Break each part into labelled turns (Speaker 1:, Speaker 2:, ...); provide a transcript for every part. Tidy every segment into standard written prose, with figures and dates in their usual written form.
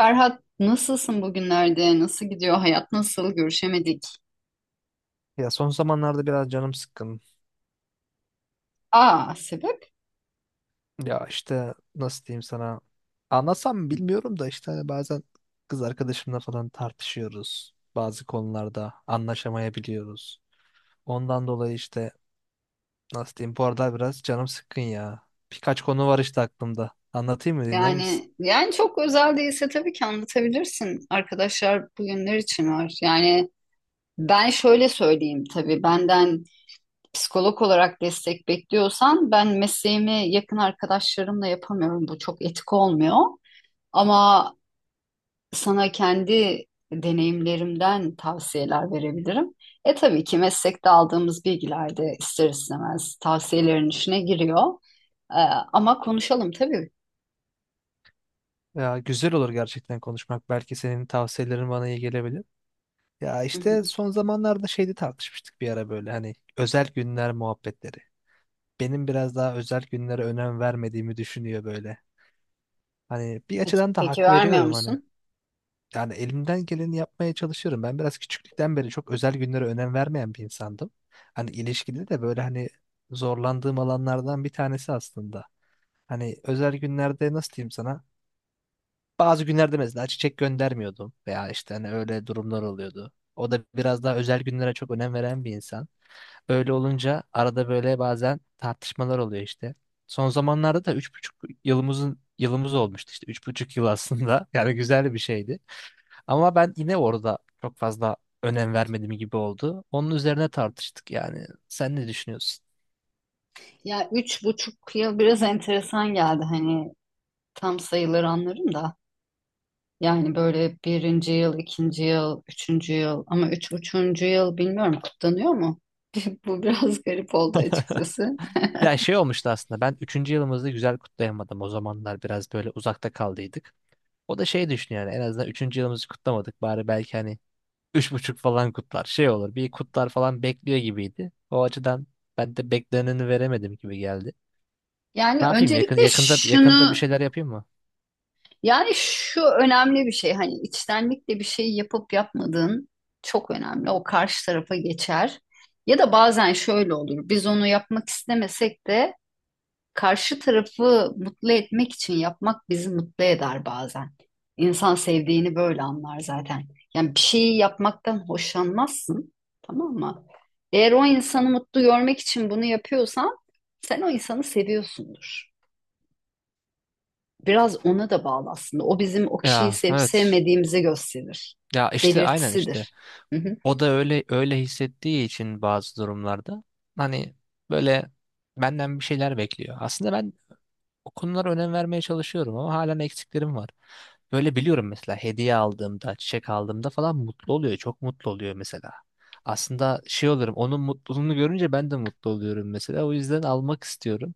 Speaker 1: Ferhat nasılsın bugünlerde? Nasıl gidiyor? Hayat nasıl? Görüşemedik.
Speaker 2: Ya son zamanlarda biraz canım sıkkın.
Speaker 1: Aa, sebep?
Speaker 2: Ya işte nasıl diyeyim sana? Anlasam mı bilmiyorum da işte hani bazen kız arkadaşımla falan tartışıyoruz. Bazı konularda anlaşamayabiliyoruz. Ondan dolayı işte. Nasıl diyeyim? Bu arada biraz canım sıkkın ya. Birkaç konu var işte aklımda. Anlatayım mı? Dinler misin?
Speaker 1: Yani çok özel değilse tabii ki anlatabilirsin. Arkadaşlar bugünler için var. Yani ben şöyle söyleyeyim tabii benden psikolog olarak destek bekliyorsan ben mesleğimi yakın arkadaşlarımla yapamıyorum. Bu çok etik olmuyor. Ama sana kendi deneyimlerimden tavsiyeler verebilirim. E tabii ki meslekte aldığımız bilgiler de ister istemez tavsiyelerin içine giriyor. E, Ama konuşalım tabii.
Speaker 2: Ya güzel olur gerçekten konuşmak. Belki senin tavsiyelerin bana iyi gelebilir. Ya
Speaker 1: Hı
Speaker 2: işte
Speaker 1: hı.
Speaker 2: son zamanlarda şeyde tartışmıştık bir ara böyle hani özel günler muhabbetleri. Benim biraz daha özel günlere önem vermediğimi düşünüyor böyle. Hani bir
Speaker 1: Peki,
Speaker 2: açıdan da
Speaker 1: peki
Speaker 2: hak
Speaker 1: vermiyor
Speaker 2: veriyorum hani.
Speaker 1: musun?
Speaker 2: Yani elimden geleni yapmaya çalışıyorum. Ben biraz küçüklükten beri çok özel günlere önem vermeyen bir insandım. Hani ilişkide de böyle hani zorlandığım alanlardan bir tanesi aslında. Hani özel günlerde nasıl diyeyim sana? Bazı günlerde mesela çiçek göndermiyordum veya işte hani öyle durumlar oluyordu. O da biraz daha özel günlere çok önem veren bir insan. Öyle olunca arada böyle bazen tartışmalar oluyor işte. Son zamanlarda da üç buçuk yılımızın yılımız olmuştu işte 3,5 yıl aslında. Yani güzel bir şeydi. Ama ben yine orada çok fazla önem vermedim gibi oldu. Onun üzerine tartıştık yani. Sen ne düşünüyorsun?
Speaker 1: Ya 3,5 yıl biraz enteresan geldi. Hani tam sayıları anlarım da. Yani böyle birinci yıl, ikinci yıl, üçüncü yıl ama üç buçuğuncu yıl bilmiyorum kutlanıyor mu? Bu biraz garip oldu açıkçası.
Speaker 2: Ya şey olmuştu aslında ben üçüncü yılımızı güzel kutlayamadım. O zamanlar biraz böyle uzakta kaldıydık. O da şey düşünüyor yani en azından üçüncü yılımızı kutlamadık. Bari belki hani 3,5 falan kutlar. Şey olur. Bir kutlar falan bekliyor gibiydi. O açıdan ben de bekleneni veremedim gibi geldi.
Speaker 1: Yani
Speaker 2: Ne yapayım?
Speaker 1: öncelikle
Speaker 2: Yakında bir
Speaker 1: şunu
Speaker 2: şeyler yapayım mı?
Speaker 1: Yani şu önemli bir şey hani içtenlikle bir şey yapıp yapmadığın çok önemli. O karşı tarafa geçer. Ya da bazen şöyle olur. Biz onu yapmak istemesek de karşı tarafı mutlu etmek için yapmak bizi mutlu eder bazen. İnsan sevdiğini böyle anlar zaten. Yani bir şeyi yapmaktan hoşlanmazsın, tamam mı? Eğer o insanı mutlu görmek için bunu yapıyorsan sen o insanı seviyorsundur. Biraz ona da bağlı aslında. O bizim o kişiyi
Speaker 2: Ya
Speaker 1: sevip
Speaker 2: evet.
Speaker 1: sevmediğimizi gösterir.
Speaker 2: Ya işte aynen işte.
Speaker 1: Belirtisidir. Hı hı.
Speaker 2: O da öyle öyle hissettiği için bazı durumlarda hani böyle benden bir şeyler bekliyor. Aslında ben o konulara önem vermeye çalışıyorum ama halen eksiklerim var. Böyle biliyorum mesela hediye aldığımda, çiçek aldığımda falan mutlu oluyor. Çok mutlu oluyor mesela. Aslında şey olurum, onun mutluluğunu görünce ben de mutlu oluyorum mesela. O yüzden almak istiyorum.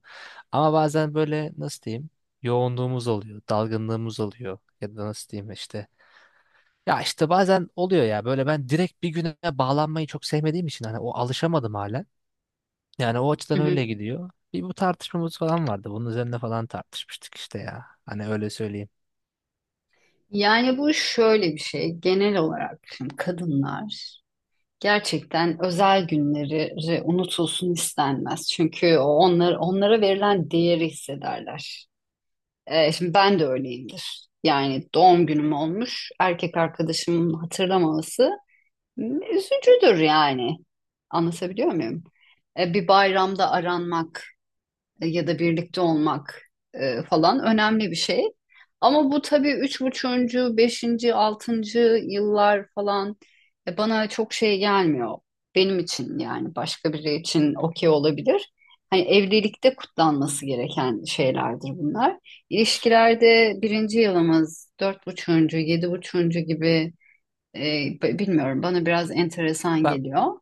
Speaker 2: Ama bazen böyle nasıl diyeyim, yoğunluğumuz oluyor, dalgınlığımız oluyor. Ya da nasıl diyeyim işte. Ya işte bazen oluyor ya böyle ben direkt bir güne bağlanmayı çok sevmediğim için hani o alışamadım hala. Yani o
Speaker 1: Hı
Speaker 2: açıdan öyle
Speaker 1: hı.
Speaker 2: gidiyor. Bir bu tartışmamız falan vardı. Bunun üzerine falan tartışmıştık işte ya. Hani öyle söyleyeyim.
Speaker 1: Yani bu şöyle bir şey. Genel olarak şimdi kadınlar gerçekten özel günleri unutulsun istenmez. Çünkü o onlara verilen değeri hissederler. Şimdi ben de öyleyimdir. Yani doğum günüm olmuş. Erkek arkadaşımın hatırlamaması üzücüdür yani. Anlatabiliyor muyum? Bir bayramda aranmak ya da birlikte olmak falan önemli bir şey. Ama bu tabii üç buçuğuncu, beşinci, altıncı yıllar falan bana çok şey gelmiyor. Benim için yani başka biri için okey olabilir. Hani evlilikte kutlanması gereken şeylerdir bunlar. İlişkilerde birinci yılımız, dört buçuğuncu, yedi buçuğuncu gibi e, bilmiyorum bana biraz enteresan
Speaker 2: Ben,
Speaker 1: geliyor.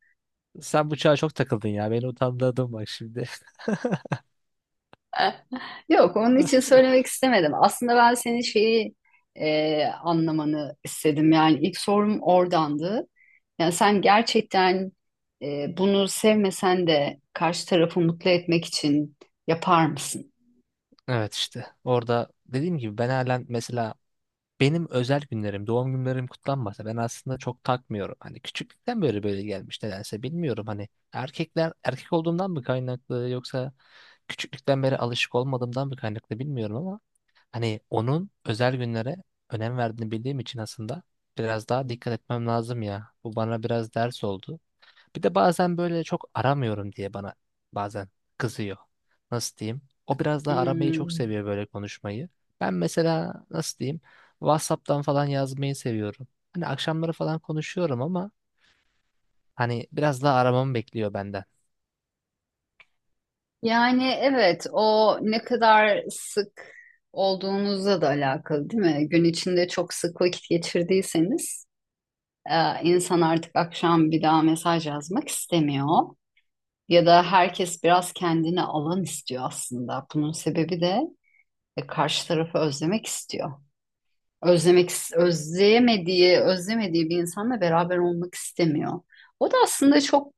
Speaker 2: sen bu çağa çok takıldın ya. Beni utandırdın bak şimdi.
Speaker 1: E, Yok, onun için söylemek istemedim. Aslında ben senin şeyi anlamanı istedim. Yani ilk sorum oradandı. Yani sen gerçekten bunu sevmesen de karşı tarafı mutlu etmek için yapar mısın?
Speaker 2: Evet işte orada dediğim gibi ben halen mesela benim özel günlerim, doğum günlerim kutlanmasa ben aslında çok takmıyorum. Hani küçüklükten böyle böyle gelmiş nedense bilmiyorum hani erkekler erkek olduğumdan mı kaynaklı yoksa küçüklükten beri alışık olmadığımdan mı kaynaklı bilmiyorum ama hani onun özel günlere önem verdiğini bildiğim için aslında biraz daha dikkat etmem lazım ya. Bu bana biraz ders oldu. Bir de bazen böyle çok aramıyorum diye bana bazen kızıyor. Nasıl diyeyim? O biraz daha aramayı çok
Speaker 1: Hmm.
Speaker 2: seviyor böyle konuşmayı. Ben mesela nasıl diyeyim? WhatsApp'tan falan yazmayı seviyorum. Hani akşamları falan konuşuyorum ama hani biraz daha aramamı bekliyor benden.
Speaker 1: Yani evet, o ne kadar sık olduğunuzla da alakalı, değil mi? Gün içinde çok sık vakit geçirdiyseniz, insan artık akşam bir daha mesaj yazmak istemiyor. Ya da herkes biraz kendine alan istiyor aslında. Bunun sebebi de karşı tarafı özlemek istiyor. Özlemek, özlemediği bir insanla beraber olmak istemiyor. O da aslında çok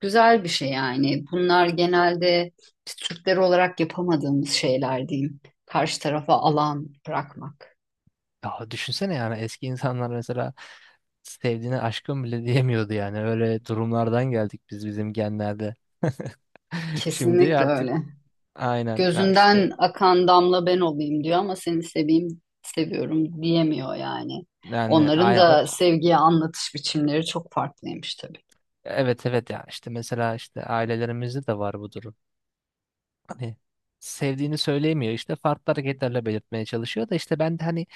Speaker 1: güzel bir şey yani. Bunlar genelde biz Türkler olarak yapamadığımız şeyler diyeyim. Karşı tarafa alan bırakmak.
Speaker 2: Ya düşünsene yani eski insanlar mesela sevdiğine aşkım bile diyemiyordu yani. Öyle durumlardan geldik biz bizim genlerde. Şimdi
Speaker 1: Kesinlikle öyle.
Speaker 2: artık aynen ya işte
Speaker 1: Gözünden akan damla ben olayım diyor ama seni seveyim, seviyorum diyemiyor yani.
Speaker 2: yani
Speaker 1: Onların
Speaker 2: aynen
Speaker 1: da
Speaker 2: o
Speaker 1: sevgiye anlatış biçimleri çok farklıymış tabii.
Speaker 2: evet evet yani işte mesela işte ailelerimizde de var bu durum. Hani sevdiğini söyleyemiyor işte farklı hareketlerle belirtmeye çalışıyor da işte ben de hani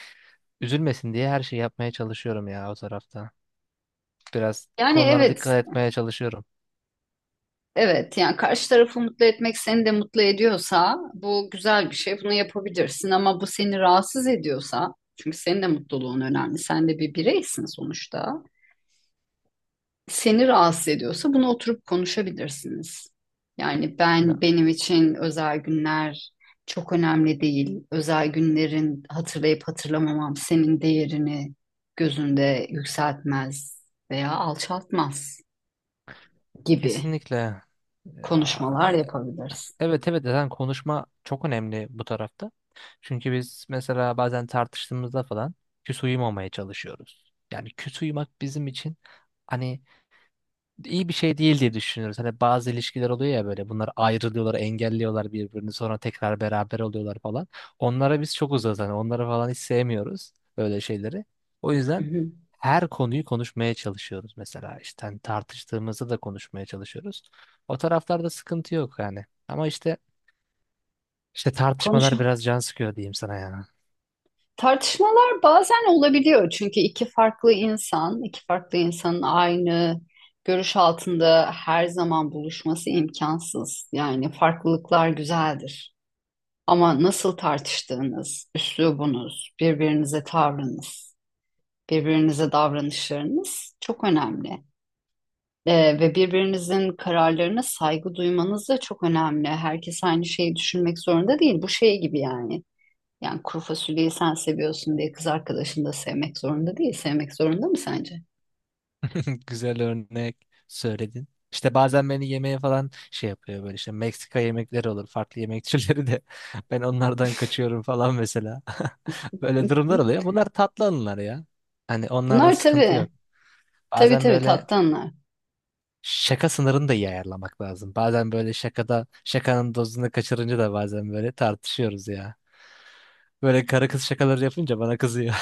Speaker 2: üzülmesin diye her şeyi yapmaya çalışıyorum ya o tarafta. Biraz bu
Speaker 1: Yani
Speaker 2: konulara
Speaker 1: evet,
Speaker 2: dikkat etmeye çalışıyorum.
Speaker 1: evet yani karşı tarafı mutlu etmek seni de mutlu ediyorsa bu güzel bir şey. Bunu yapabilirsin ama bu seni rahatsız ediyorsa çünkü senin de mutluluğun önemli. Sen de bir bireysin sonuçta. Seni rahatsız ediyorsa bunu oturup konuşabilirsiniz. Yani ben
Speaker 2: Ya,
Speaker 1: benim için özel günler çok önemli değil. Özel günlerin hatırlayıp hatırlamamam senin değerini gözünde yükseltmez veya alçaltmaz gibi
Speaker 2: kesinlikle. Ya,
Speaker 1: konuşmalar yapabiliriz.
Speaker 2: evet evet zaten konuşma çok önemli bu tarafta. Çünkü biz mesela bazen tartıştığımızda falan küs uyumamaya çalışıyoruz. Yani küs uyumak bizim için hani iyi bir şey değil diye düşünüyoruz. Hani bazı ilişkiler oluyor ya böyle bunlar ayrılıyorlar, engelliyorlar birbirini sonra tekrar beraber oluyorlar falan. Onlara biz çok uzağız hani onları falan hiç sevmiyoruz böyle şeyleri. O
Speaker 1: Hı
Speaker 2: yüzden
Speaker 1: hı.
Speaker 2: her konuyu konuşmaya çalışıyoruz mesela işte hani tartıştığımızda da konuşmaya çalışıyoruz. O taraflarda sıkıntı yok yani. Ama işte
Speaker 1: Konuş
Speaker 2: tartışmalar biraz can sıkıyor diyeyim sana ya.
Speaker 1: Tartışmalar bazen olabiliyor çünkü iki farklı insan, iki farklı insanın aynı görüş altında her zaman buluşması imkansız. Yani farklılıklar güzeldir. Ama nasıl tartıştığınız, üslubunuz, birbirinize tavrınız, birbirinize davranışlarınız çok önemli. Ve birbirinizin kararlarına saygı duymanız da çok önemli. Herkes aynı şeyi düşünmek zorunda değil. Bu şey gibi yani. Yani kuru fasulyeyi sen seviyorsun diye kız arkadaşın da sevmek zorunda değil. Sevmek zorunda mı sence?
Speaker 2: Güzel örnek söyledin. İşte bazen beni yemeğe falan şey yapıyor böyle işte Meksika yemekleri olur farklı yemek türleri de ben onlardan kaçıyorum falan mesela. Böyle durumlar oluyor. Bunlar tatlı anılar ya. Hani onlarda
Speaker 1: Bunlar
Speaker 2: sıkıntı
Speaker 1: tabii,
Speaker 2: yok.
Speaker 1: tabii
Speaker 2: Bazen
Speaker 1: tabii
Speaker 2: böyle
Speaker 1: tattanlar.
Speaker 2: şaka sınırını da iyi ayarlamak lazım. Bazen böyle şakada şakanın dozunu kaçırınca da bazen böyle tartışıyoruz ya. Böyle karı kız şakaları yapınca bana kızıyor.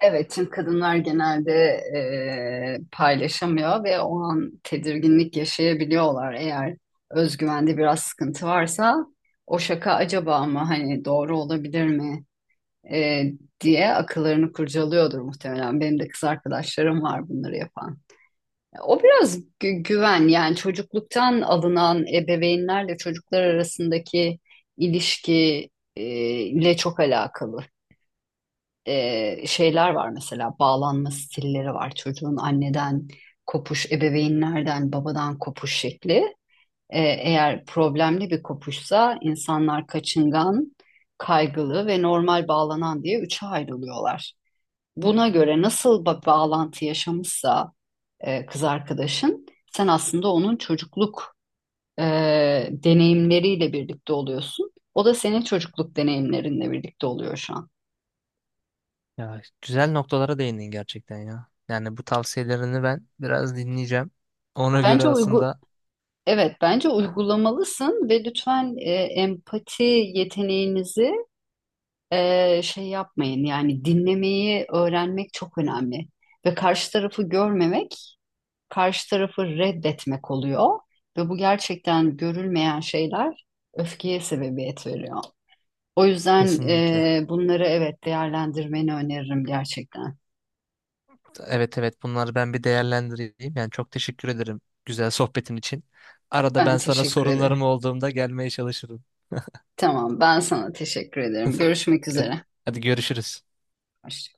Speaker 1: Evet, çünkü kadınlar genelde paylaşamıyor ve o an tedirginlik yaşayabiliyorlar. Eğer özgüvende biraz sıkıntı varsa o şaka acaba mı hani doğru olabilir mi eee, diye akıllarını kurcalıyordur muhtemelen. Benim de kız arkadaşlarım var bunları yapan. O biraz güven yani çocukluktan alınan ebeveynlerle çocuklar arasındaki ilişki e, ile çok alakalı. Şeyler var mesela bağlanma stilleri var çocuğun anneden kopuş ebeveynlerden babadan kopuş şekli. Eğer problemli bir kopuşsa insanlar kaçıngan kaygılı ve normal bağlanan diye üçe ayrılıyorlar. Buna göre nasıl bağlantı yaşamışsa kız arkadaşın. Sen aslında onun çocukluk e, deneyimleriyle birlikte oluyorsun. O da senin çocukluk deneyimlerinle birlikte oluyor şu an.
Speaker 2: Ya güzel noktalara değindin gerçekten ya. Yani bu tavsiyelerini ben biraz dinleyeceğim. Ona göre
Speaker 1: Bence uygu
Speaker 2: aslında
Speaker 1: Evet bence uygulamalısın ve lütfen empati yeteneğinizi şey yapmayın. Yani dinlemeyi öğrenmek çok önemli ve karşı tarafı görmemek karşı tarafı reddetmek oluyor ve bu gerçekten görülmeyen şeyler öfkeye sebebiyet veriyor. O yüzden
Speaker 2: kesinlikle.
Speaker 1: bunları evet değerlendirmeni öneririm gerçekten.
Speaker 2: Evet evet bunları ben bir değerlendireyim. Yani çok teşekkür ederim güzel sohbetin için. Arada
Speaker 1: Ben
Speaker 2: ben sana
Speaker 1: teşekkür
Speaker 2: sorunlarım
Speaker 1: ederim.
Speaker 2: olduğumda gelmeye çalışırım.
Speaker 1: Tamam, ben sana teşekkür ederim. Görüşmek
Speaker 2: Hadi
Speaker 1: üzere.
Speaker 2: hadi görüşürüz.
Speaker 1: Hoşça